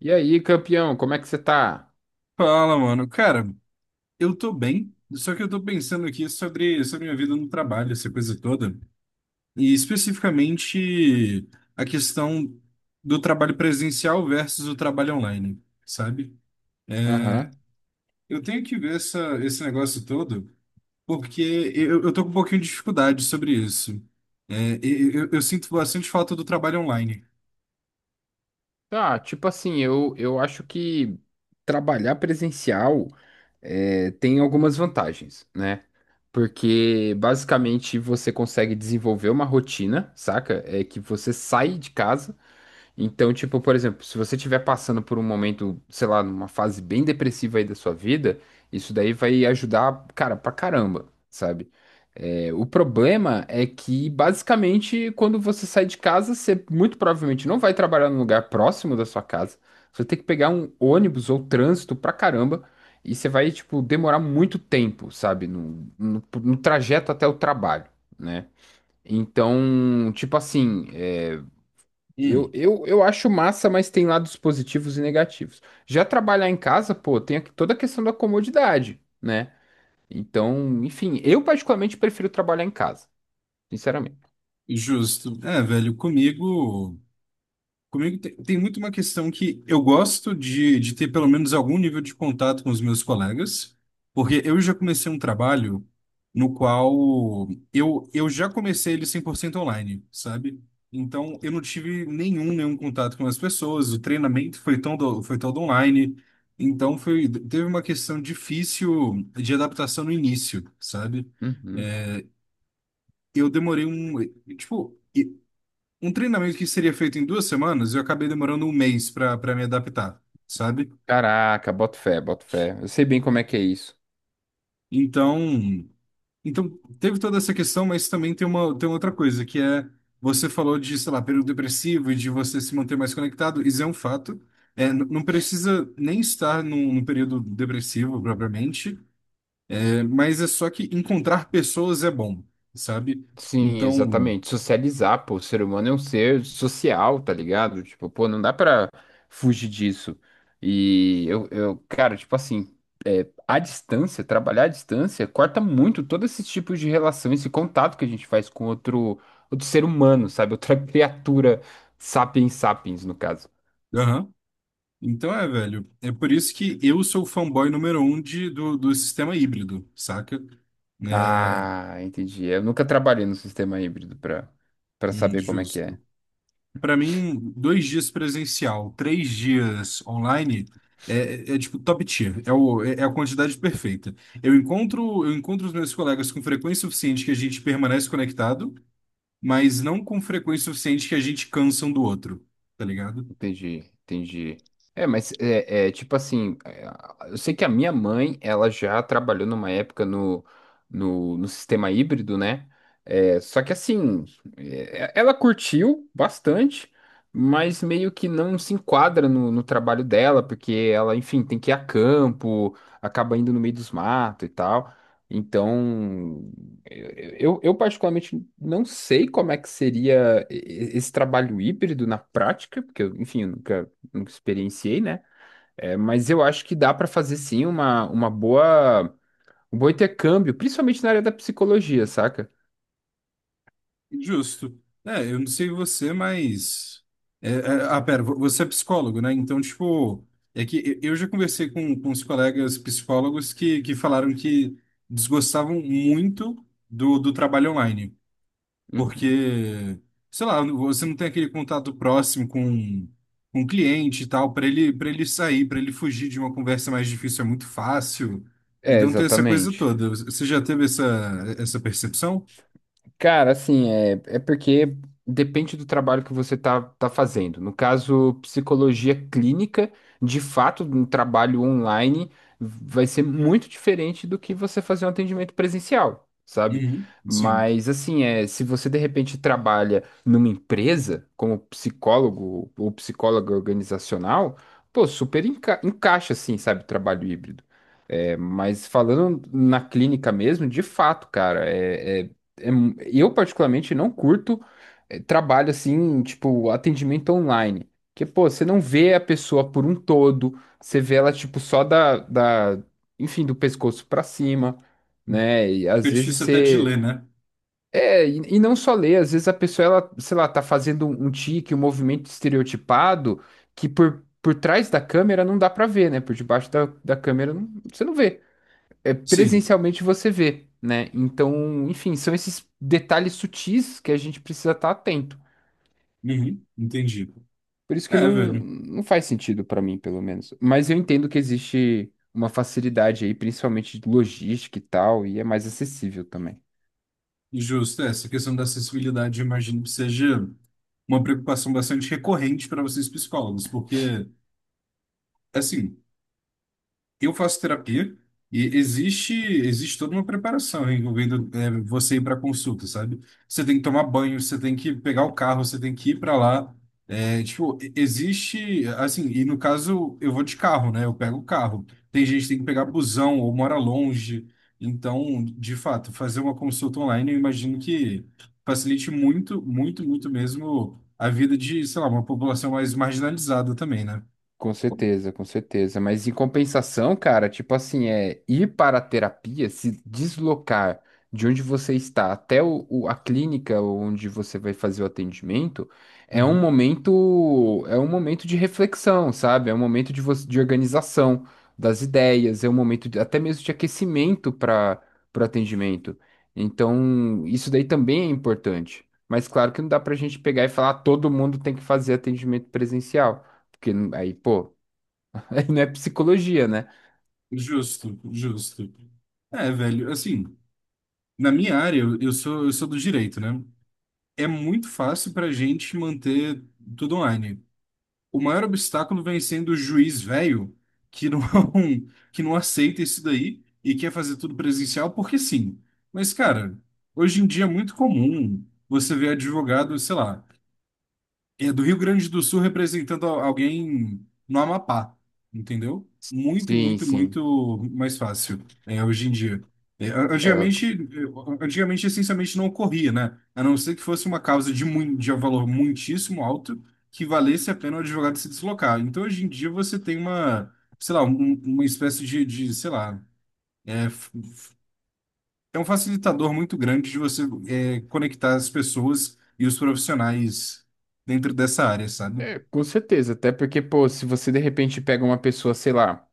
E aí, campeão, como é que você tá? Fala, mano. Cara, eu tô bem, só que eu tô pensando aqui sobre minha vida no trabalho, essa coisa toda. E especificamente a questão do trabalho presencial versus o trabalho online, sabe? Aham. Eu tenho que ver esse negócio todo, porque eu tô com um pouquinho de dificuldade sobre isso. Eu sinto bastante falta do trabalho online. Tá, tipo assim, eu acho que trabalhar presencial tem algumas vantagens, né? Porque basicamente você consegue desenvolver uma rotina, saca? É que você sai de casa. Então, tipo, por exemplo, se você estiver passando por um momento, sei lá, numa fase bem depressiva aí da sua vida, isso daí vai ajudar, cara, pra caramba, sabe? O problema é que, basicamente, quando você sai de casa, você muito provavelmente não vai trabalhar num lugar próximo da sua casa. Você vai ter que pegar um ônibus ou trânsito pra caramba e você vai, tipo, demorar muito tempo, sabe? No trajeto até o trabalho, né? Então, tipo assim, eu, Hum. eu, eu acho massa, mas tem lados positivos e negativos. Já trabalhar em casa, pô, toda a questão da comodidade, né? Então, enfim, eu particularmente prefiro trabalhar em casa, sinceramente. Justo. É, velho, comigo. Tem muito uma questão que eu gosto de ter pelo menos algum nível de contato com os meus colegas, porque eu já comecei um trabalho no qual eu já comecei ele 100% online, sabe? Então eu não tive nenhum contato com as pessoas, o treinamento foi todo online, então foi, teve uma questão difícil de adaptação no início, sabe? Uhum. Eu demorei tipo, um treinamento que seria feito em 2 semanas, eu acabei demorando um mês para me adaptar, sabe? Caraca, boto fé, boto fé. Eu sei bem como é que é isso. Então, então teve toda essa questão, mas também tem uma tem outra coisa que é você falou de, sei lá, período depressivo e de você se manter mais conectado, isso é um fato. Não precisa nem estar num período depressivo propriamente, mas é só que encontrar pessoas é bom, sabe? Sim, Então, exatamente. Socializar, pô, o ser humano é um ser social, tá ligado? Tipo, pô, não dá pra fugir disso. E cara, tipo assim, à distância, trabalhar à distância, corta muito todos esses tipos de relação, esse contato que a gente faz com outro, outro ser humano, sabe? Outra criatura, sapiens sapiens, no caso. aham. Então é, velho. É por isso que eu sou o fanboy número um do sistema híbrido, saca? É, Ah, entendi. Eu nunca trabalhei no sistema híbrido para saber como é que é. Justo. Pra mim, 2 dias presencial, 3 dias online é, é, é, tipo top tier. É, o, é é a quantidade perfeita. Eu encontro os meus colegas com frequência suficiente que a gente permanece conectado, mas não com frequência suficiente que a gente cansa um do outro, tá ligado? Entendi, entendi. Tipo assim, eu sei que a minha mãe, ela já trabalhou numa época no sistema híbrido, né? Só que assim, ela curtiu bastante, mas meio que não se enquadra no trabalho dela, porque ela, enfim, tem que ir a campo, acaba indo no meio dos matos e tal. Então, eu particularmente não sei como é que seria esse trabalho híbrido na prática, porque, eu, enfim, eu nunca, nunca experienciei, né? É, mas eu acho que dá para fazer sim uma boa, um bom intercâmbio, principalmente na área da psicologia, saca? Justo. É, eu não sei você, mas. Pera, você é psicólogo, né? Então, tipo, eu já conversei com os colegas psicólogos que falaram que desgostavam muito do trabalho online, Uhum. porque, sei lá, você não tem aquele contato próximo com o cliente e tal, para ele sair, para ele fugir de uma conversa mais difícil é muito fácil. É, Então, tem essa coisa exatamente. toda. Você já teve essa percepção? Cara, assim, é porque depende do trabalho que você tá fazendo. No caso, psicologia clínica, de fato, um trabalho online vai ser muito diferente do que você fazer um atendimento presencial, sabe? Uhum, sim. Mas, assim, é, se você de repente trabalha numa empresa como psicólogo ou psicóloga organizacional, pô, super encaixa, assim, sabe, trabalho híbrido. É, mas falando na clínica mesmo, de fato, cara, é eu particularmente não curto trabalho assim, tipo, atendimento online. Porque, pô, você não vê a pessoa por um todo, você vê ela, tipo, só enfim, do pescoço pra cima, né? E Fica às vezes difícil até de você. ler, né? É, e não só ler às vezes a pessoa, ela, sei lá, tá fazendo um tique, um movimento estereotipado que por trás da câmera não dá pra ver, né? Por debaixo da câmera você não vê Sim. presencialmente você vê, né? Então, enfim, são esses detalhes sutis que a gente precisa estar atento. Uhum, entendi. Por isso que É, velho. não faz sentido para mim, pelo menos. Mas eu entendo que existe uma facilidade aí, principalmente de logística e tal, e é mais acessível também. Justo. É, essa questão da acessibilidade, eu imagino que seja uma preocupação bastante recorrente para vocês psicólogos, porque, assim, eu faço terapia e existe toda uma preparação envolvendo você ir para consulta, sabe? Você tem que tomar banho, você tem que pegar o carro, você tem que ir para lá. Existe assim, e no caso eu vou de carro, né? Eu pego o carro. Tem gente que tem que pegar busão ou mora longe. Então, de fato, fazer uma consulta online, eu imagino que facilite muito, muito, muito mesmo a vida de, sei lá, uma população mais marginalizada também, né? Com certeza, com certeza. Mas em compensação, cara, tipo assim, é ir para a terapia, se deslocar de onde você está até a clínica onde você vai fazer o atendimento, é um momento de reflexão, sabe? É um momento de, você, de organização das ideias, é um momento até mesmo de aquecimento para o atendimento. Então, isso daí também é importante. Mas claro que não dá para a gente pegar e falar, "Ah, todo mundo tem que fazer atendimento presencial. Porque aí, pô, aí não é psicologia, né? Justo, justo. É, velho, assim, na minha área, eu sou do direito, né? É muito fácil pra gente manter tudo online. O maior obstáculo vem sendo o juiz velho, que não, que não aceita isso daí e quer fazer tudo presencial porque sim. Mas, cara, hoje em dia é muito comum você ver advogado, sei lá é do Rio Grande do Sul representando alguém no Amapá, entendeu? Muito, Sim, muito, sim. muito mais fácil, é, hoje em dia. É, Antigamente, essencialmente, não ocorria, né? A não ser que fosse uma causa de um valor muitíssimo alto que valesse a pena o advogado se deslocar. Então, hoje em dia, você tem uma, sei lá, uma espécie de, sei lá, é, f- é um facilitador muito grande de você conectar as pessoas e os profissionais dentro dessa área, sabe? com certeza. Até porque, pô, se você de repente pega uma pessoa, sei lá,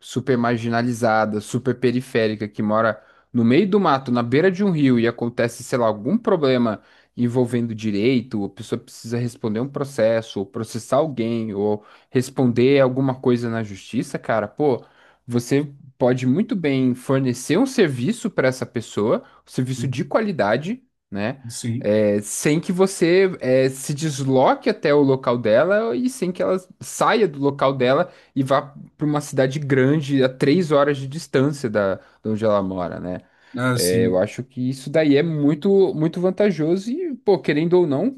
super marginalizada, super periférica, que mora no meio do mato, na beira de um rio, e acontece, sei lá, algum problema envolvendo direito, ou a pessoa precisa responder um processo, ou processar alguém, ou responder alguma coisa na justiça, cara, pô, você pode muito bem fornecer um serviço para essa pessoa, um serviço de qualidade, né? Sim, sem que você se desloque até o local dela e sem que ela saia do local dela e vá para uma cidade grande a 3 horas de distância de onde ela mora, né? ah, É, eu sim, acho que isso daí é muito, muito vantajoso e, pô, querendo ou não,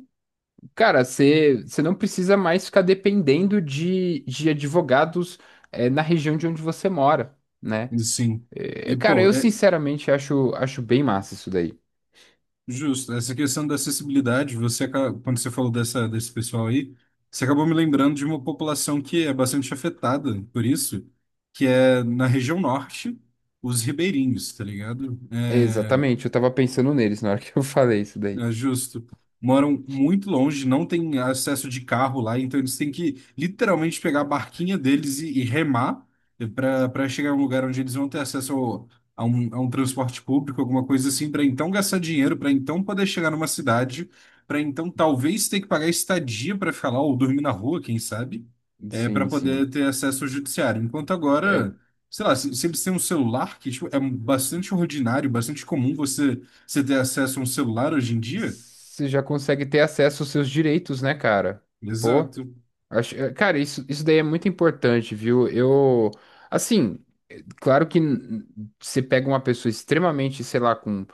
cara, você não precisa mais ficar dependendo de advogados, na região de onde você mora, né? sim. E, É, cara, pô, eu é sinceramente acho, acho bem massa isso daí. justo, essa questão da acessibilidade, você, quando você falou desse pessoal aí, você acabou me lembrando de uma população que é bastante afetada por isso, que é na região norte, os ribeirinhos, tá ligado? É, É, exatamente, eu tava pensando neles na hora que eu falei isso daí. é justo. Moram muito longe, não tem acesso de carro lá, então eles têm que literalmente pegar a barquinha deles e remar para chegar a um lugar onde eles vão ter acesso a um transporte público, alguma coisa assim, para então gastar dinheiro, para então poder chegar numa cidade, para então talvez ter que pagar estadia para ficar lá ou dormir na rua, quem sabe, é, para Sim, poder sim. ter acesso ao judiciário. Enquanto É, agora, sei lá, se eles têm um celular, que tipo, é bastante ordinário, bastante comum você ter acesso a um celular hoje em dia? você já consegue ter acesso aos seus direitos, né, cara? Pô. Exato. Acho, cara, isso daí é muito importante, viu? Eu, assim, claro que você pega uma pessoa extremamente, sei lá, com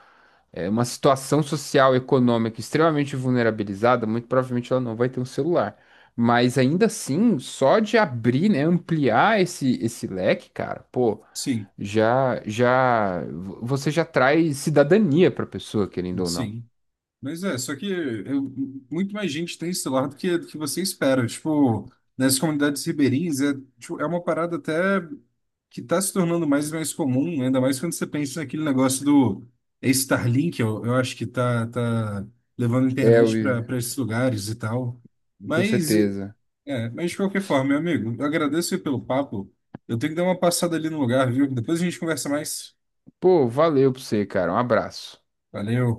uma situação social, econômica extremamente vulnerabilizada, muito provavelmente ela não vai ter um celular. Mas ainda assim, só de abrir, né, ampliar esse leque, cara, pô, Sim, você já traz cidadania pra pessoa, querendo ou não. sim. Mas é, só que muito mais gente tem celular do que você espera. Tipo, nas comunidades ribeirinhas, é, tipo, é uma parada até que está se tornando mais e mais comum, ainda mais quando você pensa naquele negócio do Starlink, eu acho que tá levando a É, internet Will, para esses lugares e tal. com Mas, certeza. é, mas de qualquer forma, meu amigo, eu agradeço aí pelo papo. Eu tenho que dar uma passada ali no lugar, viu? Depois a gente conversa mais. Pô, valeu pra você, cara. Um abraço. Valeu.